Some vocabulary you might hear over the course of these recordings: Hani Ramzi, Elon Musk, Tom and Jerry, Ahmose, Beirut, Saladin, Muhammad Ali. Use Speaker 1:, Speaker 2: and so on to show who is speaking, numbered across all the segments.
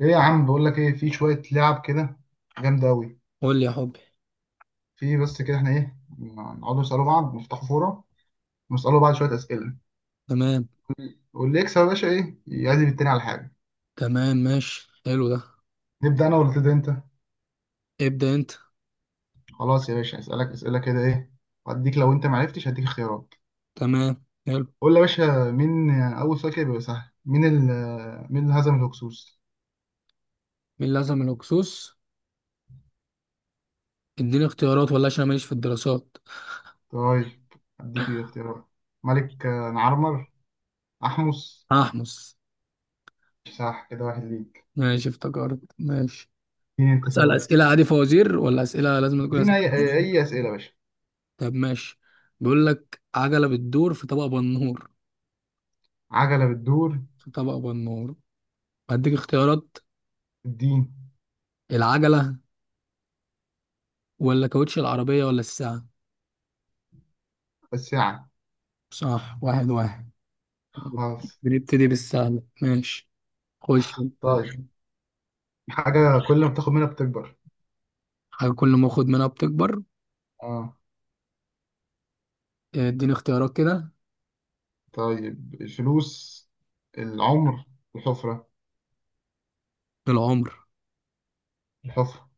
Speaker 1: ايه يا عم، بقول لك ايه، في شويه لعب كده جامده قوي.
Speaker 2: قول لي يا حبي.
Speaker 1: في بس كده، احنا ايه، نقعدوا نسالوا بعض، نفتحوا فوره ونسالوا بعض شويه اسئله،
Speaker 2: تمام.
Speaker 1: واللي يكسب يا باشا ايه يعزم التاني على حاجه.
Speaker 2: تمام ماشي. حلو ده.
Speaker 1: نبدا انا ولا تبدا انت؟
Speaker 2: ابدأ انت.
Speaker 1: خلاص يا باشا، اسالك اسئله كده ايه، واديك لو انت ما عرفتش هديك اختيارات.
Speaker 2: تمام حلو.
Speaker 1: قول لي يا باشا مين اول سؤال كده بيبقى سهل. مين اللي هزم الهكسوس؟
Speaker 2: مين لازم الهكسوس؟ اديني اختيارات ولا؟ عشان أنا ماليش في الدراسات.
Speaker 1: طيب اديك اختيارات. ملك نعرمر، احمس.
Speaker 2: هحمص.
Speaker 1: صح، كده واحد ليك.
Speaker 2: ماشي افتكرت ماشي.
Speaker 1: اديني انت
Speaker 2: اسأل
Speaker 1: سؤال.
Speaker 2: أسئلة عادي فوازير ولا أسئلة لازم تكون أسئلة؟
Speaker 1: ادينا اي اسئله يا باشا.
Speaker 2: طب ماشي. بيقول لك عجلة بتدور في طبق بنور،
Speaker 1: عجله بتدور،
Speaker 2: في طبق بنور. هديك اختيارات:
Speaker 1: الدين،
Speaker 2: العجلة ولا كاوتش العربية ولا الساعة؟
Speaker 1: الساعة.
Speaker 2: صح، واحد واحد.
Speaker 1: خلاص.
Speaker 2: بنبتدي بالسهل ماشي. خش.
Speaker 1: طيب. حاجة كل ما بتاخد منها بتكبر.
Speaker 2: حاجة كل ما اخد منها بتكبر.
Speaker 1: اه،
Speaker 2: اديني اختيارات كده.
Speaker 1: طيب. الفلوس، العمر، الحفرة.
Speaker 2: العمر؟
Speaker 1: الحفرة.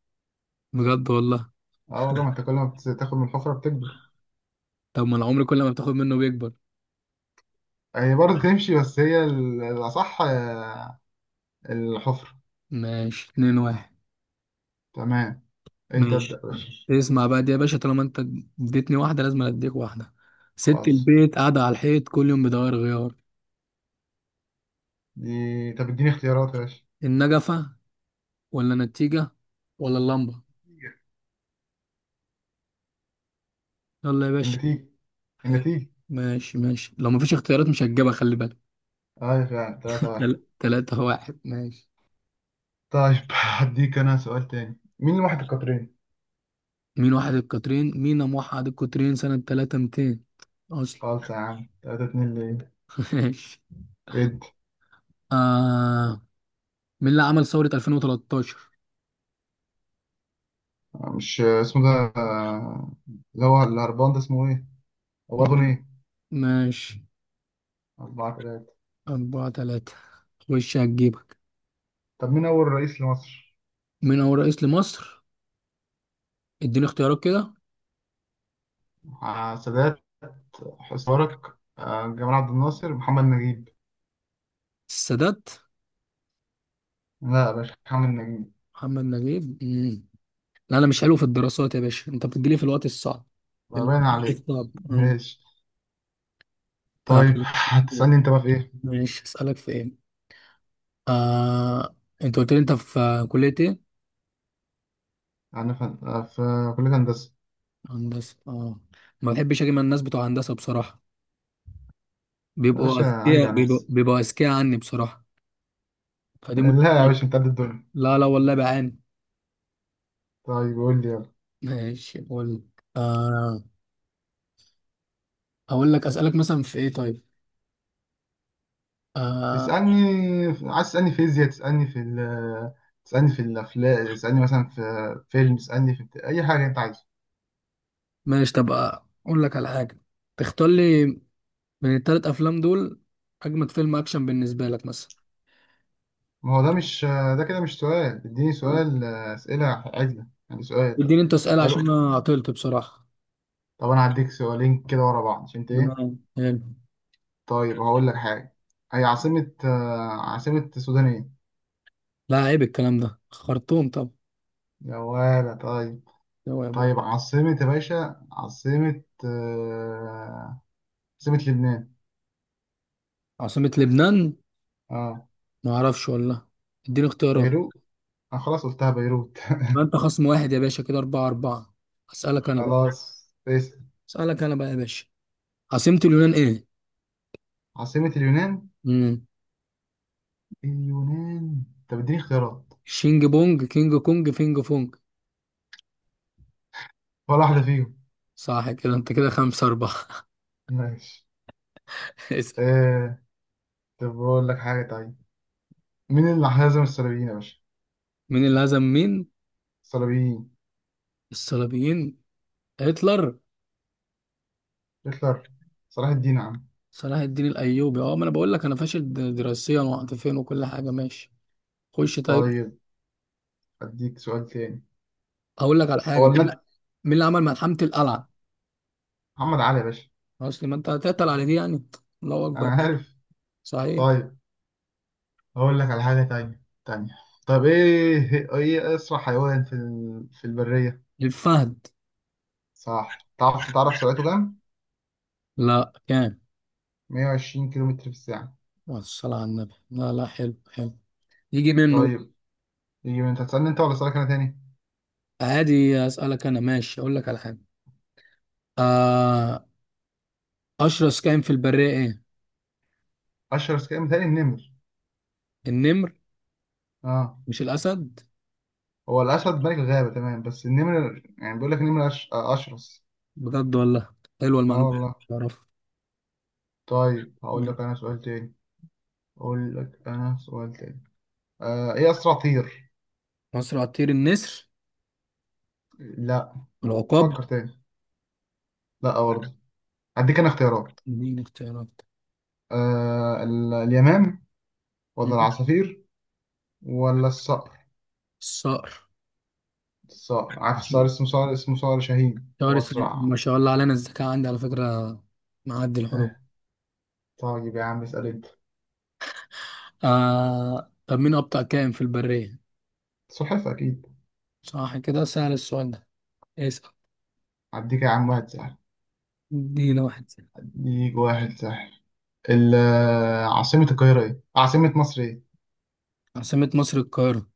Speaker 2: بجد والله.
Speaker 1: اه والله، ما انت كل ما بتاخد من الحفرة بتكبر.
Speaker 2: طب ما العمر كل ما بتاخد منه بيكبر.
Speaker 1: هي برضه تمشي، بس هي الأصح الحفرة.
Speaker 2: ماشي اتنين واحد.
Speaker 1: تمام، انت ابدأ
Speaker 2: ماشي.
Speaker 1: يا باشا.
Speaker 2: اسمع بقى دي يا باشا، طالما انت اديتني واحدة لازم اديك واحدة. ست
Speaker 1: خلاص،
Speaker 2: البيت قاعدة على الحيط كل يوم بتغير غيار.
Speaker 1: دي طب اديني اختيارات يا باشا.
Speaker 2: النجفة ولا النتيجة ولا اللمبة؟ يلا يا باشا.
Speaker 1: النتيجة.
Speaker 2: حلو.
Speaker 1: النتيجة.
Speaker 2: ماشي ماشي، لو مفيش اختيارات مش هتجيبها، خلي بالك.
Speaker 1: ايوه فعلا، تلاتة واحد.
Speaker 2: تلاتة واحد ماشي.
Speaker 1: طيب. هديك انا سؤال تاني، مين اللي واحد القطرين؟
Speaker 2: مين واحد القطرين؟ مين موحد القطرين سنة تلاتة ميتين أصلا؟
Speaker 1: خالص يا عم، تلاتة اتنين ليه؟
Speaker 2: ماشي.
Speaker 1: ادي.
Speaker 2: آه، مين اللي عمل ثورة 2013؟
Speaker 1: مش اسمه ده، آه، اللي هو الهربان ده اسمه ايه؟ هو اغنى
Speaker 2: مم.
Speaker 1: ايه؟
Speaker 2: ماشي.
Speaker 1: أربعة تلاتة.
Speaker 2: أربعة تلاتة. خش هتجيبك.
Speaker 1: طب مين أول رئيس لمصر؟
Speaker 2: مين أول رئيس لمصر؟ اديني اختيارات كده.
Speaker 1: سادات، حسني مبارك، جمال عبد الناصر، محمد نجيب.
Speaker 2: السادات.
Speaker 1: لا يا باشا، محمد نجيب.
Speaker 2: محمد نجيب؟ لا أنا مش حلو في الدراسات يا باشا، أنت بتجيلي في الوقت الصعب، في
Speaker 1: ما باين
Speaker 2: الوقت
Speaker 1: عليك.
Speaker 2: الصعب.
Speaker 1: ماشي.
Speaker 2: آه.
Speaker 1: طيب هتسألني أنت بقى في إيه؟
Speaker 2: ماشي أسألك في إيه. آه. أنت قلت لي أنت في كلية إيه؟
Speaker 1: أنا في في كلية هندسة.
Speaker 2: هندسة، آه. ما بحبش أجي مع الناس بتوع هندسة بصراحة،
Speaker 1: يا باشا عجدة يا ناس.
Speaker 2: بيبقوا أذكياء عني بصراحة. فدي
Speaker 1: لا يا
Speaker 2: مشكلة.
Speaker 1: باشا، أنت قد الدنيا.
Speaker 2: لا لا والله بعاني.
Speaker 1: طيب قول لي، يلا.
Speaker 2: ماشي اقول. آه، اقول لك اسالك مثلا في ايه؟ طيب، آه.
Speaker 1: اسألني. عايز تسألني فيزياء، تسألني في تسألني في الأفلام، تسألني مثلا في فيلم، تسألني في أي حاجة أنت عايزها.
Speaker 2: ماشي طب، اقول لك على حاجه، تختار لي من الثلاث افلام دول اجمد فيلم اكشن بالنسبه لك مثلا.
Speaker 1: ما هو ده مش، ده كده مش سؤال. اديني
Speaker 2: طيب.
Speaker 1: سؤال، أسئلة عدلة يعني، سؤال
Speaker 2: اديني انت اسال
Speaker 1: سؤال.
Speaker 2: عشان انا عطلت بصراحه.
Speaker 1: طب أنا هديك سؤالين كده ورا بعض عشان أنت إيه.
Speaker 2: تمام حلو.
Speaker 1: طيب هقول لك حاجة. هي عاصمة عاصمة السودان إيه؟
Speaker 2: لا عيب الكلام ده، خرطوم. طب
Speaker 1: يا ولا. طيب
Speaker 2: هو يا
Speaker 1: طيب،
Speaker 2: بوي.
Speaker 1: عاصمة يا باشا، عاصمة عاصمة لبنان.
Speaker 2: عاصمه لبنان؟
Speaker 1: اه.
Speaker 2: ما اعرفش والله. اديني اختيارات.
Speaker 1: بيروت. أنا خلاص قلتها، بيروت.
Speaker 2: ما انت خصم واحد يا باشا كده، اربعة اربعة. اسالك انا بقى،
Speaker 1: خلاص اسأل.
Speaker 2: اسالك انا بقى يا باشا. عاصمه اليونان ايه؟
Speaker 1: عاصمة اليونان؟
Speaker 2: مم.
Speaker 1: اليونان، طب اديني اختيارات.
Speaker 2: شينج بونج، كينج كونج، فينج فونج.
Speaker 1: ولا واحدة فيهم.
Speaker 2: صح كده، انت كده خمسة أربعة.
Speaker 1: ماشي.
Speaker 2: اسأل.
Speaker 1: آه... طب بقول لك حاجة طيب، مين اللي هزم الصليبيين يا باشا؟
Speaker 2: مين اللي هزم مين؟
Speaker 1: الصليبيين؟
Speaker 2: الصليبيين؟ هتلر.
Speaker 1: هتلر؟ صلاح الدين يا عم.
Speaker 2: صلاح الدين الأيوبي. اه ما أنا بقول لك أنا فاشل دراسيا وعاطفيا وكل حاجة، ماشي. خش طيب.
Speaker 1: طيب، اديك سؤال تاني.
Speaker 2: أقول لك على
Speaker 1: هو
Speaker 2: حاجة.
Speaker 1: ولا انت؟
Speaker 2: مين اللي عمل ملحمة القلعة؟
Speaker 1: محمد علي يا باشا.
Speaker 2: أصل ما أنت هتقتل على دي يعني. الله
Speaker 1: انا
Speaker 2: أكبر.
Speaker 1: عارف.
Speaker 2: صحيح.
Speaker 1: طيب هقول لك على حاجة تانية. طب ايه، ايه، إيه، اسرع حيوان في في البرية؟
Speaker 2: الفهد.
Speaker 1: صح. تعرف سرعته كام؟
Speaker 2: لا كام؟
Speaker 1: 120 كيلومتر في الساعة.
Speaker 2: الصلاة على النبي. لا لا، حلو حلو. يجي منه بقى.
Speaker 1: طيب. يجي من، انت هتسألني انت ولا اسألك انا تاني؟
Speaker 2: عادي أسألك أنا، ماشي. أقول لك على حاجة. آه، أشرس كائن في البرية إيه؟
Speaker 1: اشهر سكان، متهيألي النمر.
Speaker 2: النمر؟
Speaker 1: اه.
Speaker 2: مش الأسد؟
Speaker 1: هو الاسد ملك الغابه تمام، بس النمر يعني، بيقول لك النمر أش... آه، اشرس.
Speaker 2: بجد والله، حلوة
Speaker 1: اه
Speaker 2: المعلومة.
Speaker 1: والله.
Speaker 2: مش عارف.
Speaker 1: طيب هقول لك
Speaker 2: مم.
Speaker 1: انا سؤال تاني. اقول لك انا سؤال تاني. آه، ايه اسرع طير؟
Speaker 2: أسرع طير النسر.
Speaker 1: لا.
Speaker 2: العقاب.
Speaker 1: فكر تاني. لا برضه. هديك انا اختيارات.
Speaker 2: اديني اختيارات.
Speaker 1: اليمام،
Speaker 2: مم.
Speaker 1: ولا العصافير، ولا الصقر.
Speaker 2: الصقر.
Speaker 1: الصقر. عارف الصقر، اسمه صقر، اسمه صقر شاهين، هو
Speaker 2: ما
Speaker 1: اسرع.
Speaker 2: شاء الله علينا الذكاء عندي على فكرة، معدي الحدود.
Speaker 1: طيب يا عم اسال انت.
Speaker 2: طب مين أبطأ كائن في البرية؟
Speaker 1: سلحفاه اكيد.
Speaker 2: صح كده، سهل السؤال ده. اسأل.
Speaker 1: هديك يا عم واحد سهل.
Speaker 2: ادينا واحد سهل.
Speaker 1: هديك واحد سهل. ال- عاصمة القاهرة ايه؟ عاصمة مصر ايه؟
Speaker 2: عاصمة مصر القاهرة.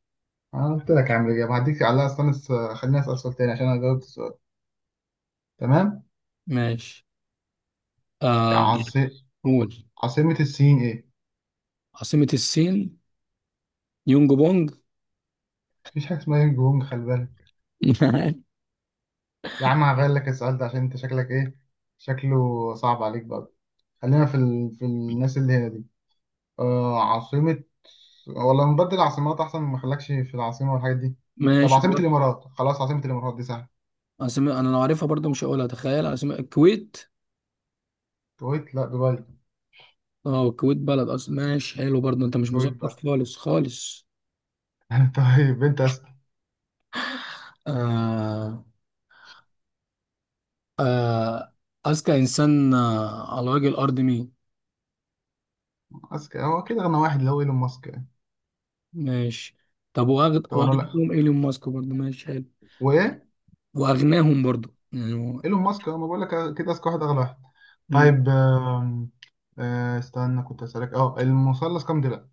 Speaker 1: انا قلت لك يا عم الاجابة، هديك عليها. استنى خليني اسأل سؤال تاني عشان انا جاوبت السؤال. تمام؟
Speaker 2: ماشي. آه...
Speaker 1: عاص...
Speaker 2: قول.
Speaker 1: عاصمة الصين ايه؟
Speaker 2: عاصمة الصين؟ يونج بونج.
Speaker 1: مفيش حاجة اسمها يونج بونج، خلي بالك. يا عم هغير لك السؤال ده، عشان انت شكلك ايه؟ شكله صعب عليك بقى. خلينا في في الناس اللي هنا دي. آه، عاصمة، ولا نبدل عاصمات احسن ما نخليكش في العاصمة والحاجات دي. طب
Speaker 2: ماشي.
Speaker 1: عاصمة الامارات، خلاص، عاصمة الامارات دي سهلة.
Speaker 2: اسامي انا لو عارفها برضو مش هقولها، تخيل. اسامي الكويت.
Speaker 1: كويت، لا دبي.
Speaker 2: اه الكويت بلد اصلا، ماشي. حلو برضو، انت مش
Speaker 1: كويت
Speaker 2: مثقف
Speaker 1: بقى.
Speaker 2: خالص خالص.
Speaker 1: طيب انت.
Speaker 2: آه آه اذكى انسان على وجه الارض مين؟
Speaker 1: ماسك، هو كده اغنى واحد، اللي هو ايلون ماسك يعني.
Speaker 2: ماشي. طب واغد،
Speaker 1: طبعا
Speaker 2: واغناهم
Speaker 1: لا.
Speaker 2: ايلون ماسك برضو، ماشي حلو.
Speaker 1: وايه.
Speaker 2: واغناهم برضو يعني
Speaker 1: ايلون ماسك، انا بقول لك كده اذكى واحد، اغلى واحد.
Speaker 2: مم،
Speaker 1: طيب آم، آه، استنى، كنت اسالك، اه المثلث كام ضلع؟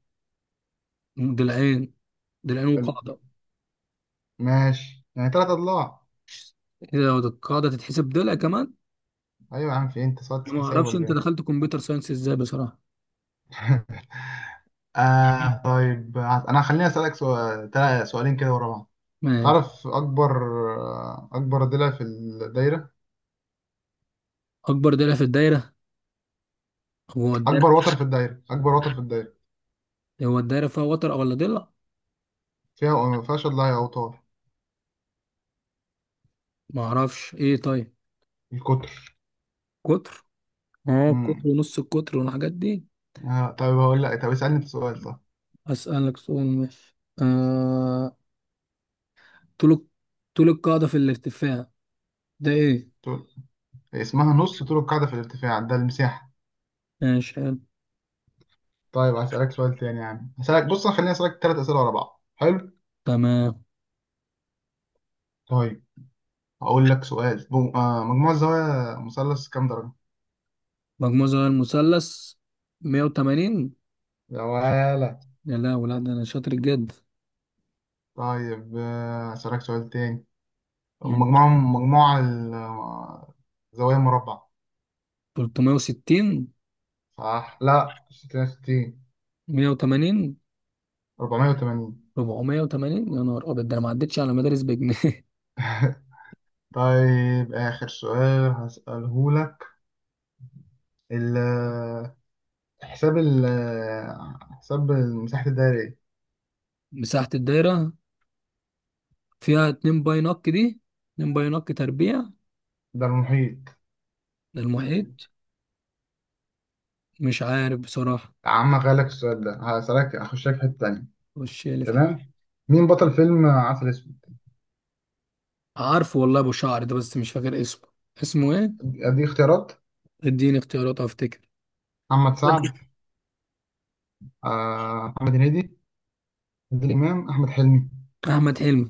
Speaker 2: دلعين. دلعين وقاعده.
Speaker 1: الم- ماشي، يعني ثلاث اضلاع.
Speaker 2: كده لو القاعده تتحسب دلع كمان.
Speaker 1: ايوه يا عم، في إيه؟ انت صوت
Speaker 2: أنا ما
Speaker 1: حساب
Speaker 2: اعرفش
Speaker 1: ولا
Speaker 2: انت
Speaker 1: ايه؟
Speaker 2: دخلت كمبيوتر ساينس ازاي بصراحه.
Speaker 1: آه طيب، انا خليني اسالك سؤال سؤالين كده ورا بعض.
Speaker 2: ماشي.
Speaker 1: تعرف اكبر، اكبر ضلع في الدايره،
Speaker 2: اكبر دلع في الدايره هو الدايره.
Speaker 1: اكبر وتر في الدايره، اكبر وتر في الدايره؟
Speaker 2: هو الدايره فيها وتر ولا ضلع؟
Speaker 1: فيها ما فيهاش اضلاع يا اوتار.
Speaker 2: ما اعرفش ايه طيب.
Speaker 1: القطر.
Speaker 2: قطر. اه القطر ونص القطر والحاجات دي.
Speaker 1: آه طيب هقول لك، طب اسألني انت سؤال، طب.
Speaker 2: اسالك سؤال ماشي. طول، طول القاعده في الارتفاع، ده ايه؟
Speaker 1: طول. اسمها نص طول القاعدة في الارتفاع، ده المساحة.
Speaker 2: ماشي حلو.
Speaker 1: طيب هسألك سؤال تاني يا عم، هسألك، بص خليني أسألك تلات أسئلة ورا بعض، حلو.
Speaker 2: تمام.
Speaker 1: طيب. هقول لك سؤال بو... آه مجموع الزوايا مثلث كام درجة؟
Speaker 2: مجموع زوايا المثلث 180.
Speaker 1: يا ولا.
Speaker 2: يا لا ولا، ده انا شاطر جد.
Speaker 1: طيب، آه هسألك سؤال تاني.
Speaker 2: مم.
Speaker 1: مجموع زوايا مربع.
Speaker 2: 360.
Speaker 1: صح، لا 66.
Speaker 2: 180.
Speaker 1: 480.
Speaker 2: 480؟ يا نهار ابيض، ده انا ما عدتش على مدارس بجنيه.
Speaker 1: طيب آخر سؤال هسأله لك. حساب ال حساب مساحة الدايرة ايه؟
Speaker 2: مساحه الدايره فيها 2 باي نق، دي 2 باي نق تربيع
Speaker 1: ده المحيط.
Speaker 2: للمحيط. مش عارف بصراحه.
Speaker 1: يا عم هغيرلك السؤال ده، هسألك، هخشك في حتة تانية.
Speaker 2: وش اللي في؟
Speaker 1: تمام. مين بطل فيلم عسل اسود؟
Speaker 2: عارفه والله، ابو شعر ده بس مش فاكر اسمه. اسمه ايه؟
Speaker 1: ادي اختيارات.
Speaker 2: اديني اختيارات افتكر.
Speaker 1: محمد سعد، محمد هنيدي، عادل امام، احمد حلمي.
Speaker 2: احمد حلمي.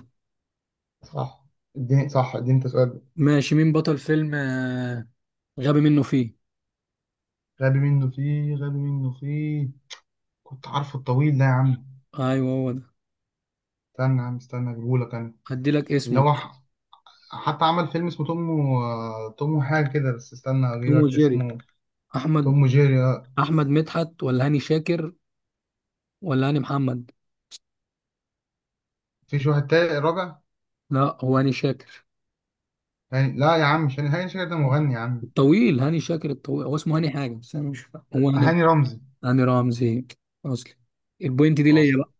Speaker 1: صح. اديني صح، اديني انت سؤال.
Speaker 2: ماشي. مين بطل فيلم آه، غبي منه فيه؟
Speaker 1: غبي منه فيه. غبي منه فيه، كنت عارفه الطويل ده يا عم.
Speaker 2: ايوه هو ده.
Speaker 1: استنى يا عم، استنى اجيبهولك انا.
Speaker 2: هدي لك
Speaker 1: اللي
Speaker 2: اسمه.
Speaker 1: هو حتى عمل فيلم اسمه توم وحاجة كده، بس استنى
Speaker 2: توم
Speaker 1: اجيبك
Speaker 2: وجيري.
Speaker 1: اسمه.
Speaker 2: احمد،
Speaker 1: توم وجيري. آه.
Speaker 2: احمد مدحت ولا هاني شاكر ولا هاني محمد؟
Speaker 1: فيش واحد تاني رابع.
Speaker 2: لا هو هاني شاكر
Speaker 1: هاني، لا يا عم مش هاني، هاني شاكر ده مغني يا عم.
Speaker 2: الطويل، هاني شاكر الطويل، هو اسمه هاني حاجه بس انا مش فاهم، هو هاني.
Speaker 1: هاني رمزي.
Speaker 2: هاني رمزي. اصلي. البوينت دي ليا
Speaker 1: اصلا.
Speaker 2: بقى.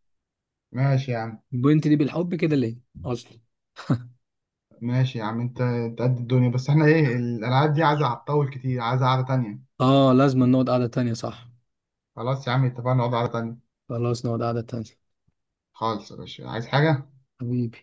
Speaker 1: ماشي يا عم.
Speaker 2: البوينت دي بالحب كده ليا، اصلي.
Speaker 1: ماشي يا عم. انت، انت قد الدنيا، بس احنا ايه، الالعاب دي عايزه، هتطول كتير، عايزه قعده تانية.
Speaker 2: اه لازم نقعد قعده تانية صح.
Speaker 1: خلاص يا عم، اتفقنا نقعد قعده تانية.
Speaker 2: خلاص نقعد قعدة تانية.
Speaker 1: خالص يا باشا، عايز حاجه؟
Speaker 2: حبيبي.